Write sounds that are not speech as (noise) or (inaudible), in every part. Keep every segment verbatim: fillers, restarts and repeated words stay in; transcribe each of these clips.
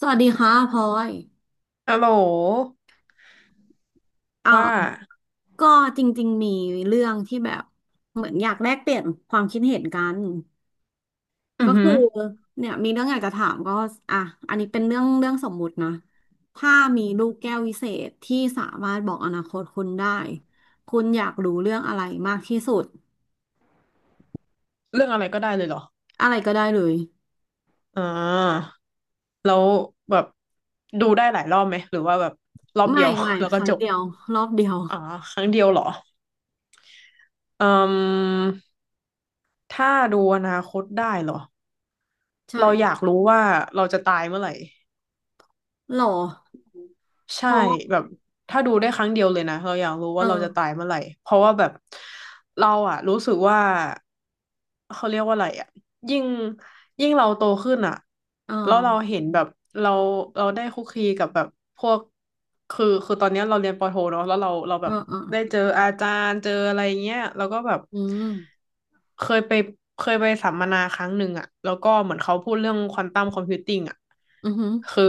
สวัสดีค่ะพลอยฮัลโหลอ่ว่าาก็จริงๆมีเรื่องที่แบบเหมือนอยากแลกเปลี่ยนความคิดเห็นกันอืก็อหืคืออเนี่ยมีเรื่องอยากจะถามก็อ่ะอันนี้เป็นเรื่องเรื่องสมมุตินะถ้ามีลูกแก้ววิเศษที่สามารถบอกอนาคตคุณได้ คุณอยากรู้เรื่องอะไรมากที่สุด เรื่องอะไรก็ได้เลยเหรออะไรก็ได้เลยอ่าแล้วแบบดูได้หลายรอบไหมหรือว่าแบบรอบเดีไม่ยว ไม่ (laughs) แล้วคก็รั้งจบเดียวรอบเดียวอ่าครั้งเดียวเหรออืมถ้าดูอนาคตได้เหรอใช่เราอยากรู้ว่าเราจะตายเมื่อไหร่ หรอเพใช่ราะแบบถ้าดูได้ครั้งเดียวเลยนะเราอยากรู้เอว่าเราอจะตายเมื่อไหร่เพราะว่าแบบเราอะรู้สึกว่าเขาเรียกว่าอะไรอะยิ่งยิ่งเราโตขึ้นอะเออแล้วเราเห็นแบบเราเราได้คุกคีกับแบบพวกคือคือตอนเนี้ยเราเรียนปอโทเนาะแล้วเราเราแบเออบเออได้เจออาจารย์เจออะไรเงี้ยแล้วก็แบบ อืมเคยไปเคยไปสัมมนาครั้งหนึ่งอะแล้วก็เหมือนเขาพูดเรื่องควอนตัมคอมพิวติ้งอะอือหือ คือ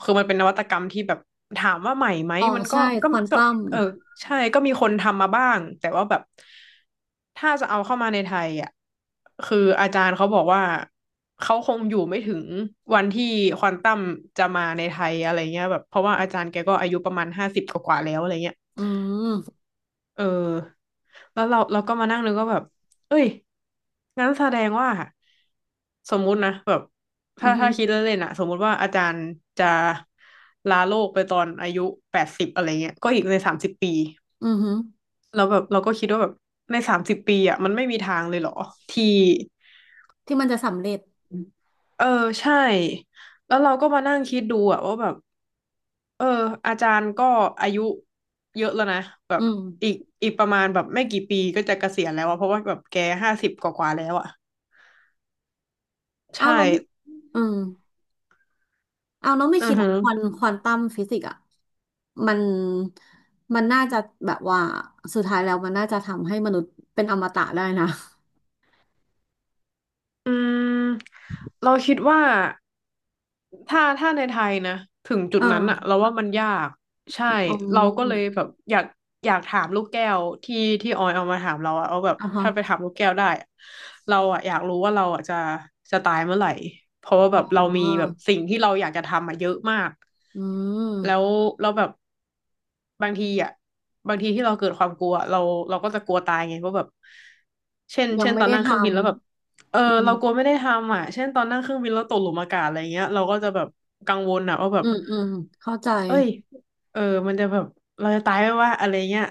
คือมันเป็นนวัตกรรมที่แบบถามว่าใหม่ไหมอ๋อมันก็ใช่ก็ควอนก็ตัมเออใช่ก็มีคนทำมาบ้างแต่ว่าแบบถ้าจะเอาเข้ามาในไทยอะคืออาจารย์เขาบอกว่าเขาคงอยู่ไม่ถึงวันที่ควอนตัมจะมาในไทยอะไรเงี้ยแบบเพราะว่าอาจารย์แกก็อายุประมาณห้าสิบกว่าๆแล้วอะไรเงี้ย อืมเออแล้วเราเราก็มานั่งนึกว่าแบบเอ้ยงั้นแสดงว่าสมมุตินะแบบอืถ้าอหือถ้าคิดเล่นๆอะสมมุติว่าอาจารย์จะลาโลกไปตอนอายุแปดสิบอะไรเงี้ยก็อีกในสามสิบปีอือหือเราแล้วบบเราก็คิดว่าแบบในสามสิบปีอะมันไม่มีทางเลยเหรอที่ที่มันจะสำเร็จเออใช่แล้วเราก็มานั่งคิดดูอะว่าแบบ เอออาจารย์ก็อายุเยอะแล้วนะแบอืบมอีกอีกประมาณแบบไม่กี่ปีก็จะเกษียณแล้วอะเพราะว่าแบบแกห้าสิบกว่าๆแล้วอะเอาใช่เราไม่อืมเอาเราไม่อืคิอดหรฮึอกอควอนควอนตัมฟิสิกส์อ่ะมันมันน่าจะแบบว่าสุดท้ายแล้วมันน่าจะทำให้มนุษย์เป็นอมตะได้นะ ืมเราคิดว่าถ้าถ้าในไทยนะถึงจุ (laughs) เอดอนั้นอะเราว่ามันยากใช่อืเราก็เลยมแบบอยากอยากถามลูกแก้วที่ที่ออยเอามาถามเราอะเอาแบบอ่ะฮะถ้าไปถามลูกแก้วได้อะเราอะอยากรู้ว่าเราอะจะจะตายเมื่อไหร่เพราะว่าอ๋แบบเราอมีแบบสิ่งที่เราอยากจะทำอะเยอะมาก อืมแล้วเราแบบบางทีอ่ะบางทีที่เราเกิดความกลัวเราเราก็จะกลัวตายไงว่าแบบเช่นยังเช่นไม่ตอนได้นั่งทเครื่องบินแล้วแบบำเอออืเรามกลัวไม่ได้ทำอ่ะเช่นตอนนั่งเครื่องบินแล้วตกหลุมอากาศอะไรเงี้ยเราก็จะแบบกังวลอ่ะว่าแบอืบมอืมเข้าใจเอ้ยเออมันจะแบบเราจะตายไหมวะอะไรเงี้ย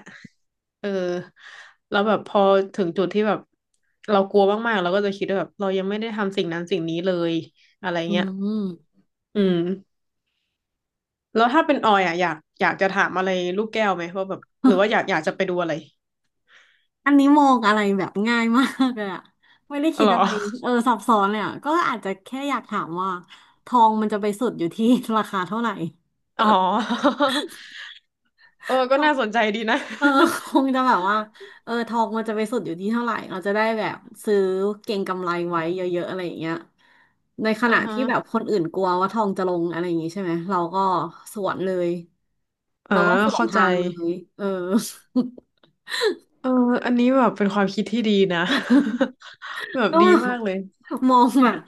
เออแล้วแบบพอถึงจุดที่แบบเรากลัวมากๆเราก็จะคิดว่าแบบเรายังไม่ได้ทำสิ่งนั้นสิ่งนี้เลยอะไรอเงี้ยือืม แล้วถ้าเป็นออยอ่ะอยากอยากจะถามอะไรลูกแก้วไหมว่าแบบหรือว่าอม ยากอยากจะไปดูอะไรอันนี้มองอะไรแบบง่ายมากเลยอะไม่ได้อ๋อคิดเหรอ อะไรเออซับซ้อนเลยอะก็อาจจะแค่อยากถามว่าทองมันจะไปสุดอยู่ที่ (laughs) ราคาเท่าไหร่ (laughs) (laughs) อ๋อ (laughs) เออก็น่าสนใจดีนะ เออคงจะแบบว่าเออทองมันจะไปสุดอยู่ที่เท่าไหร่เราจะได้แบบซื้อเก็งกำไรไว้เยอะๆอะไรอย่างเงี้ยในข (laughs) อ่าณะฮะที่แบบคนอื่นกลัวว่าทองจะลงอะไรอย่างงี้ใช่ไหมเราก็สวนเลยอ่าเราก็สวนเข้าใจทางเลยเออ เอออันนี้แบบเป็นความคิดที่ดีนะ (laughs) แบ (laughs) บก็ดีแมากเลย บบ (laughs) มองแบบ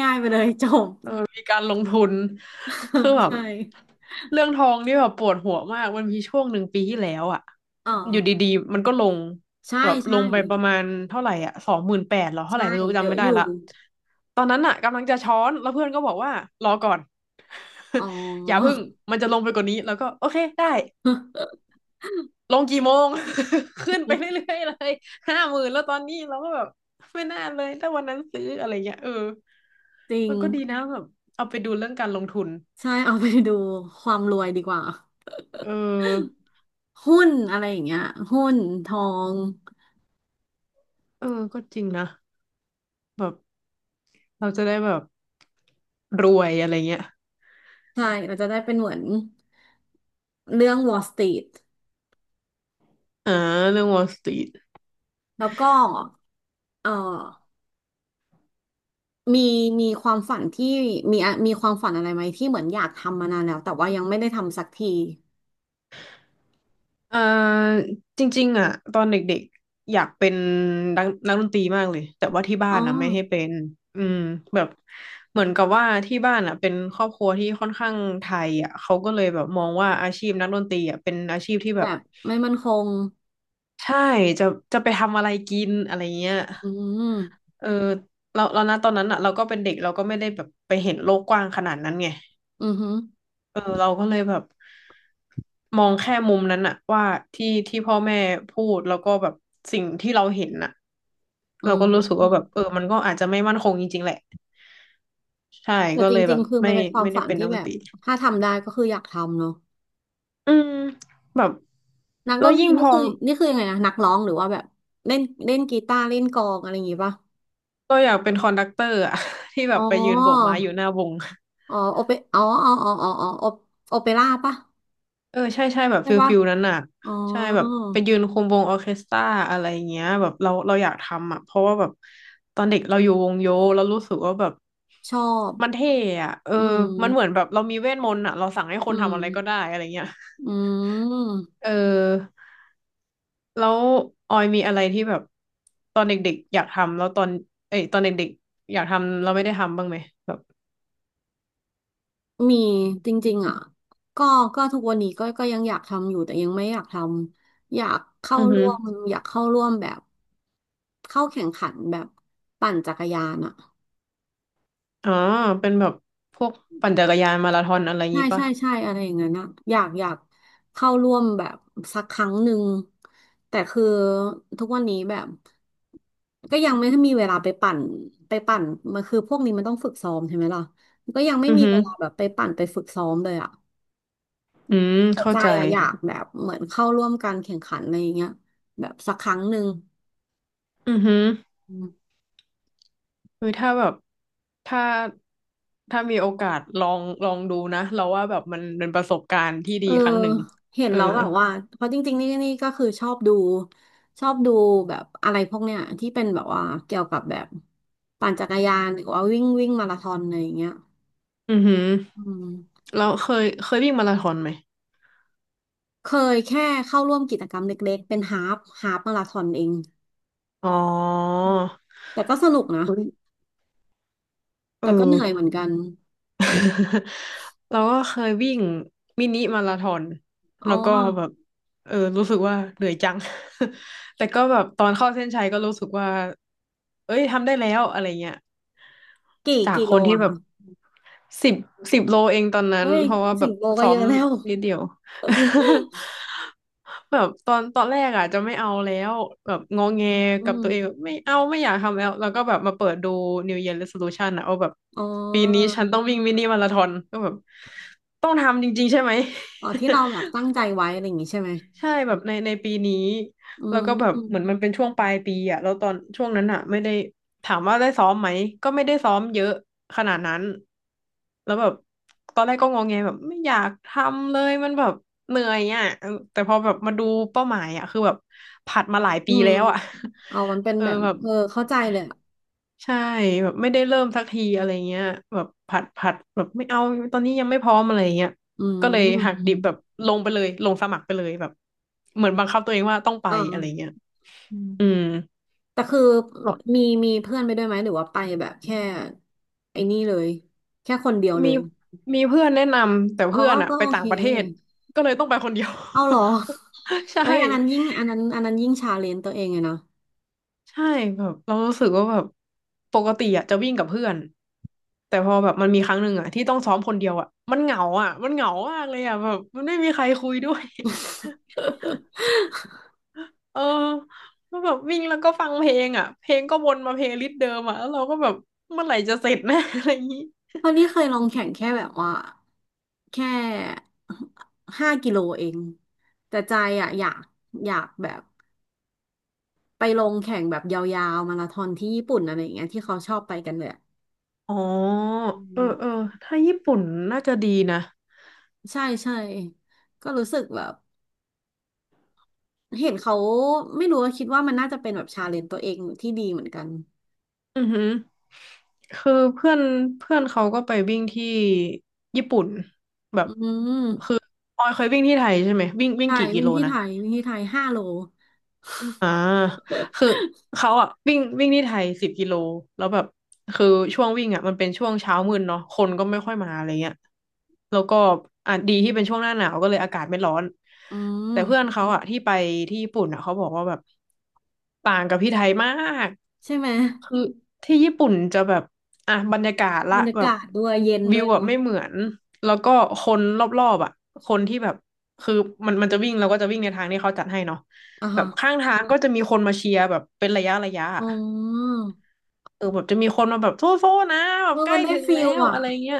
ง่ายๆไปเลยจบ มีการลงทุนคือ (laughs) แบบใช่เรื่องทองนี่แบบปวดหัวมากมันมีช่วงหนึ่งปีที่แล้วอะอ๋อ อยู่ดีๆมันก็ลงใช่แบบลใช่งไปประมาณเท่าไหร่อ่ะสองหมื่นแปดหรอเท่าไหใช่ ร่ไม่รู้เยจำอะไม่อได้ยู่ ละตอนนั้นอะกำลังจะช้อนแล้วเพื่อนก็บอกว่ารอก่อน อ๋อ (laughs) อย่าพึ่งมันจะลงไปกว่านี้แล้วก็โอเคได้ (laughs) ลงกี่โมง (laughs) ขึ้นไปเรื่อยๆเลยห้าหมื่นแล้วตอนนี้เราก็แบบไม่น่าเลยถ้าวันนั้นซื้ออะไรเงี้ยเออจริงมันก็ดีนะแบบเอาไปดูเรื่องการลงทุนใช่ เอาไปดูความรวยดีกว่า เออหุ้นอะไรอย่างเงี้ยหุ้นทองเออก็จริงนะแบบเราจะได้แบบรวยอะไรเงี้ยใช่เราจะได้เป็นเหมือนเรื่อง Wall Street อ่าเรื่อง Wall Street แล้วก็เอ่อมี มีความฝันที่มีมีความฝันอะไรไหมที่เหมือนอยากทำมานานแล้วแต่ว่ายังไม่ได้ทำสักทีเอ่อจริงๆอ่ะตอนเด็กๆอยากเป็นนักนักดนตรีมากเลยแต่ว่าที่บ้าอ๋อนนะไม่ให้เป็นอืมแบบเหมือนกับว่าที่บ้านอ่ะเป็นครอบครัวที่ค่อนข้างไทยอ่ะเขาก็เลยแบบมองว่าอาชีพนักดนตรีอ่ะเป็นอาชีพที่แบแบบบไม่มั่นคง ใช่จะจะไปทำอะไรกินอะไรเงี้ยอืมเออเราเรานะตอนนั้นอ่ะเราก็เป็นเด็กเราก็ไม่ได้แบบไปเห็นโลกกว้างขนาดนั้นไง อือหือเออเราก็เลยแบบมองแค่มุมนั้นอะว่าที่ที่พ่อแม่พูดแล้วก็แบบสิ่งที่เราเห็นอะอืเราก็รู้สึกว่าแบบเออม มันก็อาจจะไม่มั่นคงจริงๆแหละใช่แต่ก็จเลยแบริงบๆคือมัไม่นเป็นความไม่ได้ฝันเป็นที่นักดแบนตบรีถ้าทำได้ก็คืออยากทำเนาะอืมแบบนักดแล้วนตยิ่รีงพนี่อคือนี่คือยังไงนะนักร้องหรือว่าแบบเล่นเล่นกีตาร์เล่นกลองอะไรอย่างงี้ป่ะเราอยากเป็นคอนดักเตอร์อะ (laughs) ที่แบอ๋อบไปยืนโบกไม้อยู่หน้าวง อ๋อโอเปอ๋ออ๋ออ๋ออ๋ออ๋อโอโอเปร่าป่ะเออใช่ใช่แบบใช่ฟิลป่ะฟิลนั้นน่ะอ๋อใช่แบบไปยืนคุมวงออร์เคสตราอะไรเงี้ยแบบเราเราอยากทำอ่ะเพราะว่าแบบตอนเด็กเราอยู่วงโยเรารู้สึกว่าแบบชอบมันเท่อ่ะเอออืมันเหมือนมแบบเรามีเวทมนต์อ่ะเราสั่งให้คอืนทำอะไรก็มได้อะไรเงี้ยอืม เออแล้วออยมีอะไรที่แบบตอนเด็กๆอยากทำแล้วตอนเอ้ยตอนเด็กๆอยากทำเราไม่ได้ทำบ้างไหมแบบมีจริงๆอ่ะก็ก็ทุกวันนี้ก็ก็ยังอยากทำอยู่แต่ยังไม่อยากทำอยากเข้าอือฮึร่วมอยากเข้าร่วมแบบเข้าแข่งขันแบบปั่นจักรยานอ่ะอ๋อเป็นแบบพวกปั่นจักรยานมาราธอนอะไรใช่งี้ป่ะใช่ใช่อะไรอย่างเงี้ยนอะอยากอยากเข้าร่วมแบบสักครั้งหนึ่งแต่คือทุกวันนี้แบบก็ยังไม่มีเวลาไปปั่นไปปั่นมันคือพวกนี้มันต้องฝึกซ้อมใช่ไหมล่ะก็ยังไม่อือมีฮึเวลาแบบไปปั่นไปฝึกซ้อมเลยอ่ะ อืมแต่เข้าใจใจ อะอยากแบบเหมือนเข้าร่วมการแข่งขันอะไรอย่างเงี้ยแบบสักครั้งหนึ่งอือหืออืมคือถ้าแบบถ้าถ้ามีโอกาสลองลองดูนะเราว่าแบบมันเป็นประสบการณ์ที่เอดีอครั้งหนึ่งเห็นเออแล้วแบบว่าเพราะจริงๆนี่นี่ก็คือชอบดูชอบดูแบบอะไรพวกเนี้ยที่เป็นแบบว่าเกี่ยวกับแบบปั่นจักรยานหรือว่าวิ่งวิ่งมาราธอนอะไรอย่างเงี้ยอือหืออืมเราเคยเคยวิ่งมาราธอนไหมเคยแค่เข้าร่วมกิจกรรมเล็กๆเป็นฮาล์ฟฮาล์ฟมาราธอนเองอ๋ออืมแต่ก็สนุกนะเยเอแต่ก็เหนื่อยเหมืออ นกัน (laughs) เราก็เคยวิ่งมินิมาราธอนอ๋แล้อวก็แบบเออรู้สึกว่าเหนื่อยจัง (laughs) แต่ก็แบบตอนเข้าเส้นชัยก็รู้สึกว่าเอ้ยทำได้แล้วอะไรเงี้ย กี่จากกิคโลนที่อะแบบคะสิบสิบโลเองตอนนั้เฮ้นยเพราะว่าแบสี่บโลก็ซ้อเยมอะแล้วนิดเดียว (laughs) แบบตอนตอนแรกอ่ะจะไม่เอาแล้วแบบงอแงอืกับม ตัวเองแบบไม่เอาไม่อยากทำแล้วแล้วก็แบบมาเปิดดู นิว เยียร์ เรโซลูชัน อ่ะเอาแบบอ๋ปีนี้อฉันต้องวิ่งมินิมาราธอนก็แบบต้องทำจริงๆใช่ไหม อ๋อ ที่เราแบบ (laughs) ตั้งใจไว้อะไรอย่างงี้ใช่ไหมใช่แบบในในปีนี้อืแล้วก็แบบเหมือนมมันเป็นช่วงปลายปีอ่ะแล้วตอนช่วงนั้นอ่ะไม่ได้ถามว่าได้ซ้อมไหมก็ไม่ได้ซ้อมเยอะขนาดนั้นแล้วแบบตอนแรกก็งงไงแบบไม่อยากทำเลยมันแบบเหนื่อยอ่ะเออแต่พอแบบมาดูเป้าหมายอ่ะคือแบบผัดมาหลายอืปีมแล้วอ่ะ อ๋อมันเป็ (laughs) นเออแบบแบบ เออเข้าใจเลยอะใช่แบบไม่ได้เริ่มสักทีอะไรเงี้ยแบบผัดผัดแบบไม่เอาตอนนี้ยังไม่พร้อมอะไรเงี้ยอืก็เลยหักมดิบแบบลงไปเลยลงสมัครไปเลยแบบเหมือนบังคับตัวเองว่าต้องไปอ๋ออะไรเงี้ยอืมอืมแต่คือแบบมีมีเพื่อนไปด้วยไหม หรือว่าไปแบบแค่ไอ้นี่เลย แค่คนเดียวเลมีย มีเพื่อนแนะนำแต่อ๋อ เพื่อนอะก็ไปโอต่าเค งประเทศก็เลยต้องไปคนเดียว เอาเหรอ (laughs) ใช่ เอ้ยอันนั้นยิ่งอันนั้นอันนั้นยิ่งชาเลนจ์ตัวเองเลยนะ ใช่แบบเรารู้สึกว่าแบบปกติอะจะวิ่งกับเพื่อนแต่พอแบบมันมีครั้งหนึ่งอะที่ต้องซ้อมคนเดียวอะมันเหงาอะมันเหงามากเลยอะแบบมันไม่มีใครคุยด้วย (laughs) (laughs) เออแล้วแบบวิ่งแล้วก็ฟังเพลงอะเพลงก็วนมาเพลย์ลิสต์เดิมอะแล้วเราก็แบบเมื่อไหร่จะเสร็จนะ (laughs) อะไรอย่างนี้เพราะนี่เคยลองแข่งแค่แบบว่าแค่ห้ากิโลเองแต่ใจอ่ะอยากอยากแบบไปลงแข่งแบบยาวๆมาราธอนที่ญี่ปุ่นอะไรอย่างเงี้ยที่เขาชอบไปกันเลยอะอ๋ออืเออมเออถ้าญี่ปุ่นน่าจะดีนะ ใช่ใช่ก็รู้สึกแบบเห็นเขาไม่รู้ว่าคิดว่ามันน่าจะเป็นแบบชาเลนจ์ตัวเองที่ดีเหมือนกันอือหือคือเพื่อนเพื่อนเขาก็ไปวิ่งที่ญี่ปุ่นแบอืบมคือออยเคยวิ่งที่ไทยใช่ไหม วิ่งวิ่งใช่กี่กิวิ่งโลที่นะ ไทยวิ่งที่ไทยห้าโลอ่าคือเขาอ่ะวิ่งวิ่งที่ไทยสิบกิโลแล้วแบบคือช่วงวิ่งอ่ะมันเป็นช่วงเช้ามืดเนาะคนก็ไม่ค่อยมาอะไรเงี้ยแล้วก็อ่ะดีที่เป็นช่วงหน้าหนาวก็เลยอากาศไม่ร้อนอืแต่เพื่อนมเขาอ่ะที่ไปที่ญี่ปุ่นอ่ะเขาบอกว่าแบบต่างกับที่ไทยมากใช่ไหมคือที่ญี่ปุ่นจะแบบอ่ะบรรยากาศละบรรยาแบบกาศด้วยเย็นวิด้ววยแบบเนาะไม่เหมือนแล้วก็คนรอบๆอ่ะคนที่แบบคือมันมันจะวิ่งเราก็จะวิ่งในทางที่เขาจัดให้เนาะ อ่าแบฮะบข้างทางก็จะมีคนมาเชียร์แบบเป็นระยะระยะอ๋อ อะเออแบบจะมีคนมาแบบโทษโทษนะแบเอบอใกมัล้นได้ถึงฟิแล้ลวอ่ะอะไรเงี้ย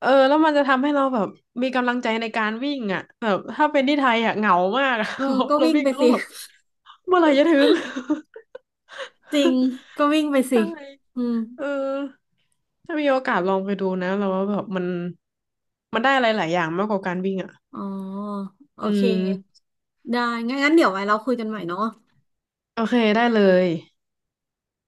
เออแล้วมันจะทำให้เราแบบมีกำลังใจในการวิ่งอ่ะแบบถ้าเป็นที่ไทยอ่ะเหงามากอะ (laughs) เออเราก็เราวิ่งวิ่งไปแล้วสิ ก็แบบเมื่อไหร่จะถึง (laughs) จริงก็วิ่งไป (laughs) สิใช่อืมเออถ้ามีโอกาสลองไปดูนะเราว่าแบบมันมันได้อะไรหลายอย่างมากกว่าการวิ่งอ่ะอ๋อโออืเคมได้งั้นงั้นเดี๋ยวไว้เราคุยกันใหม่เนาะโอเคได้เลย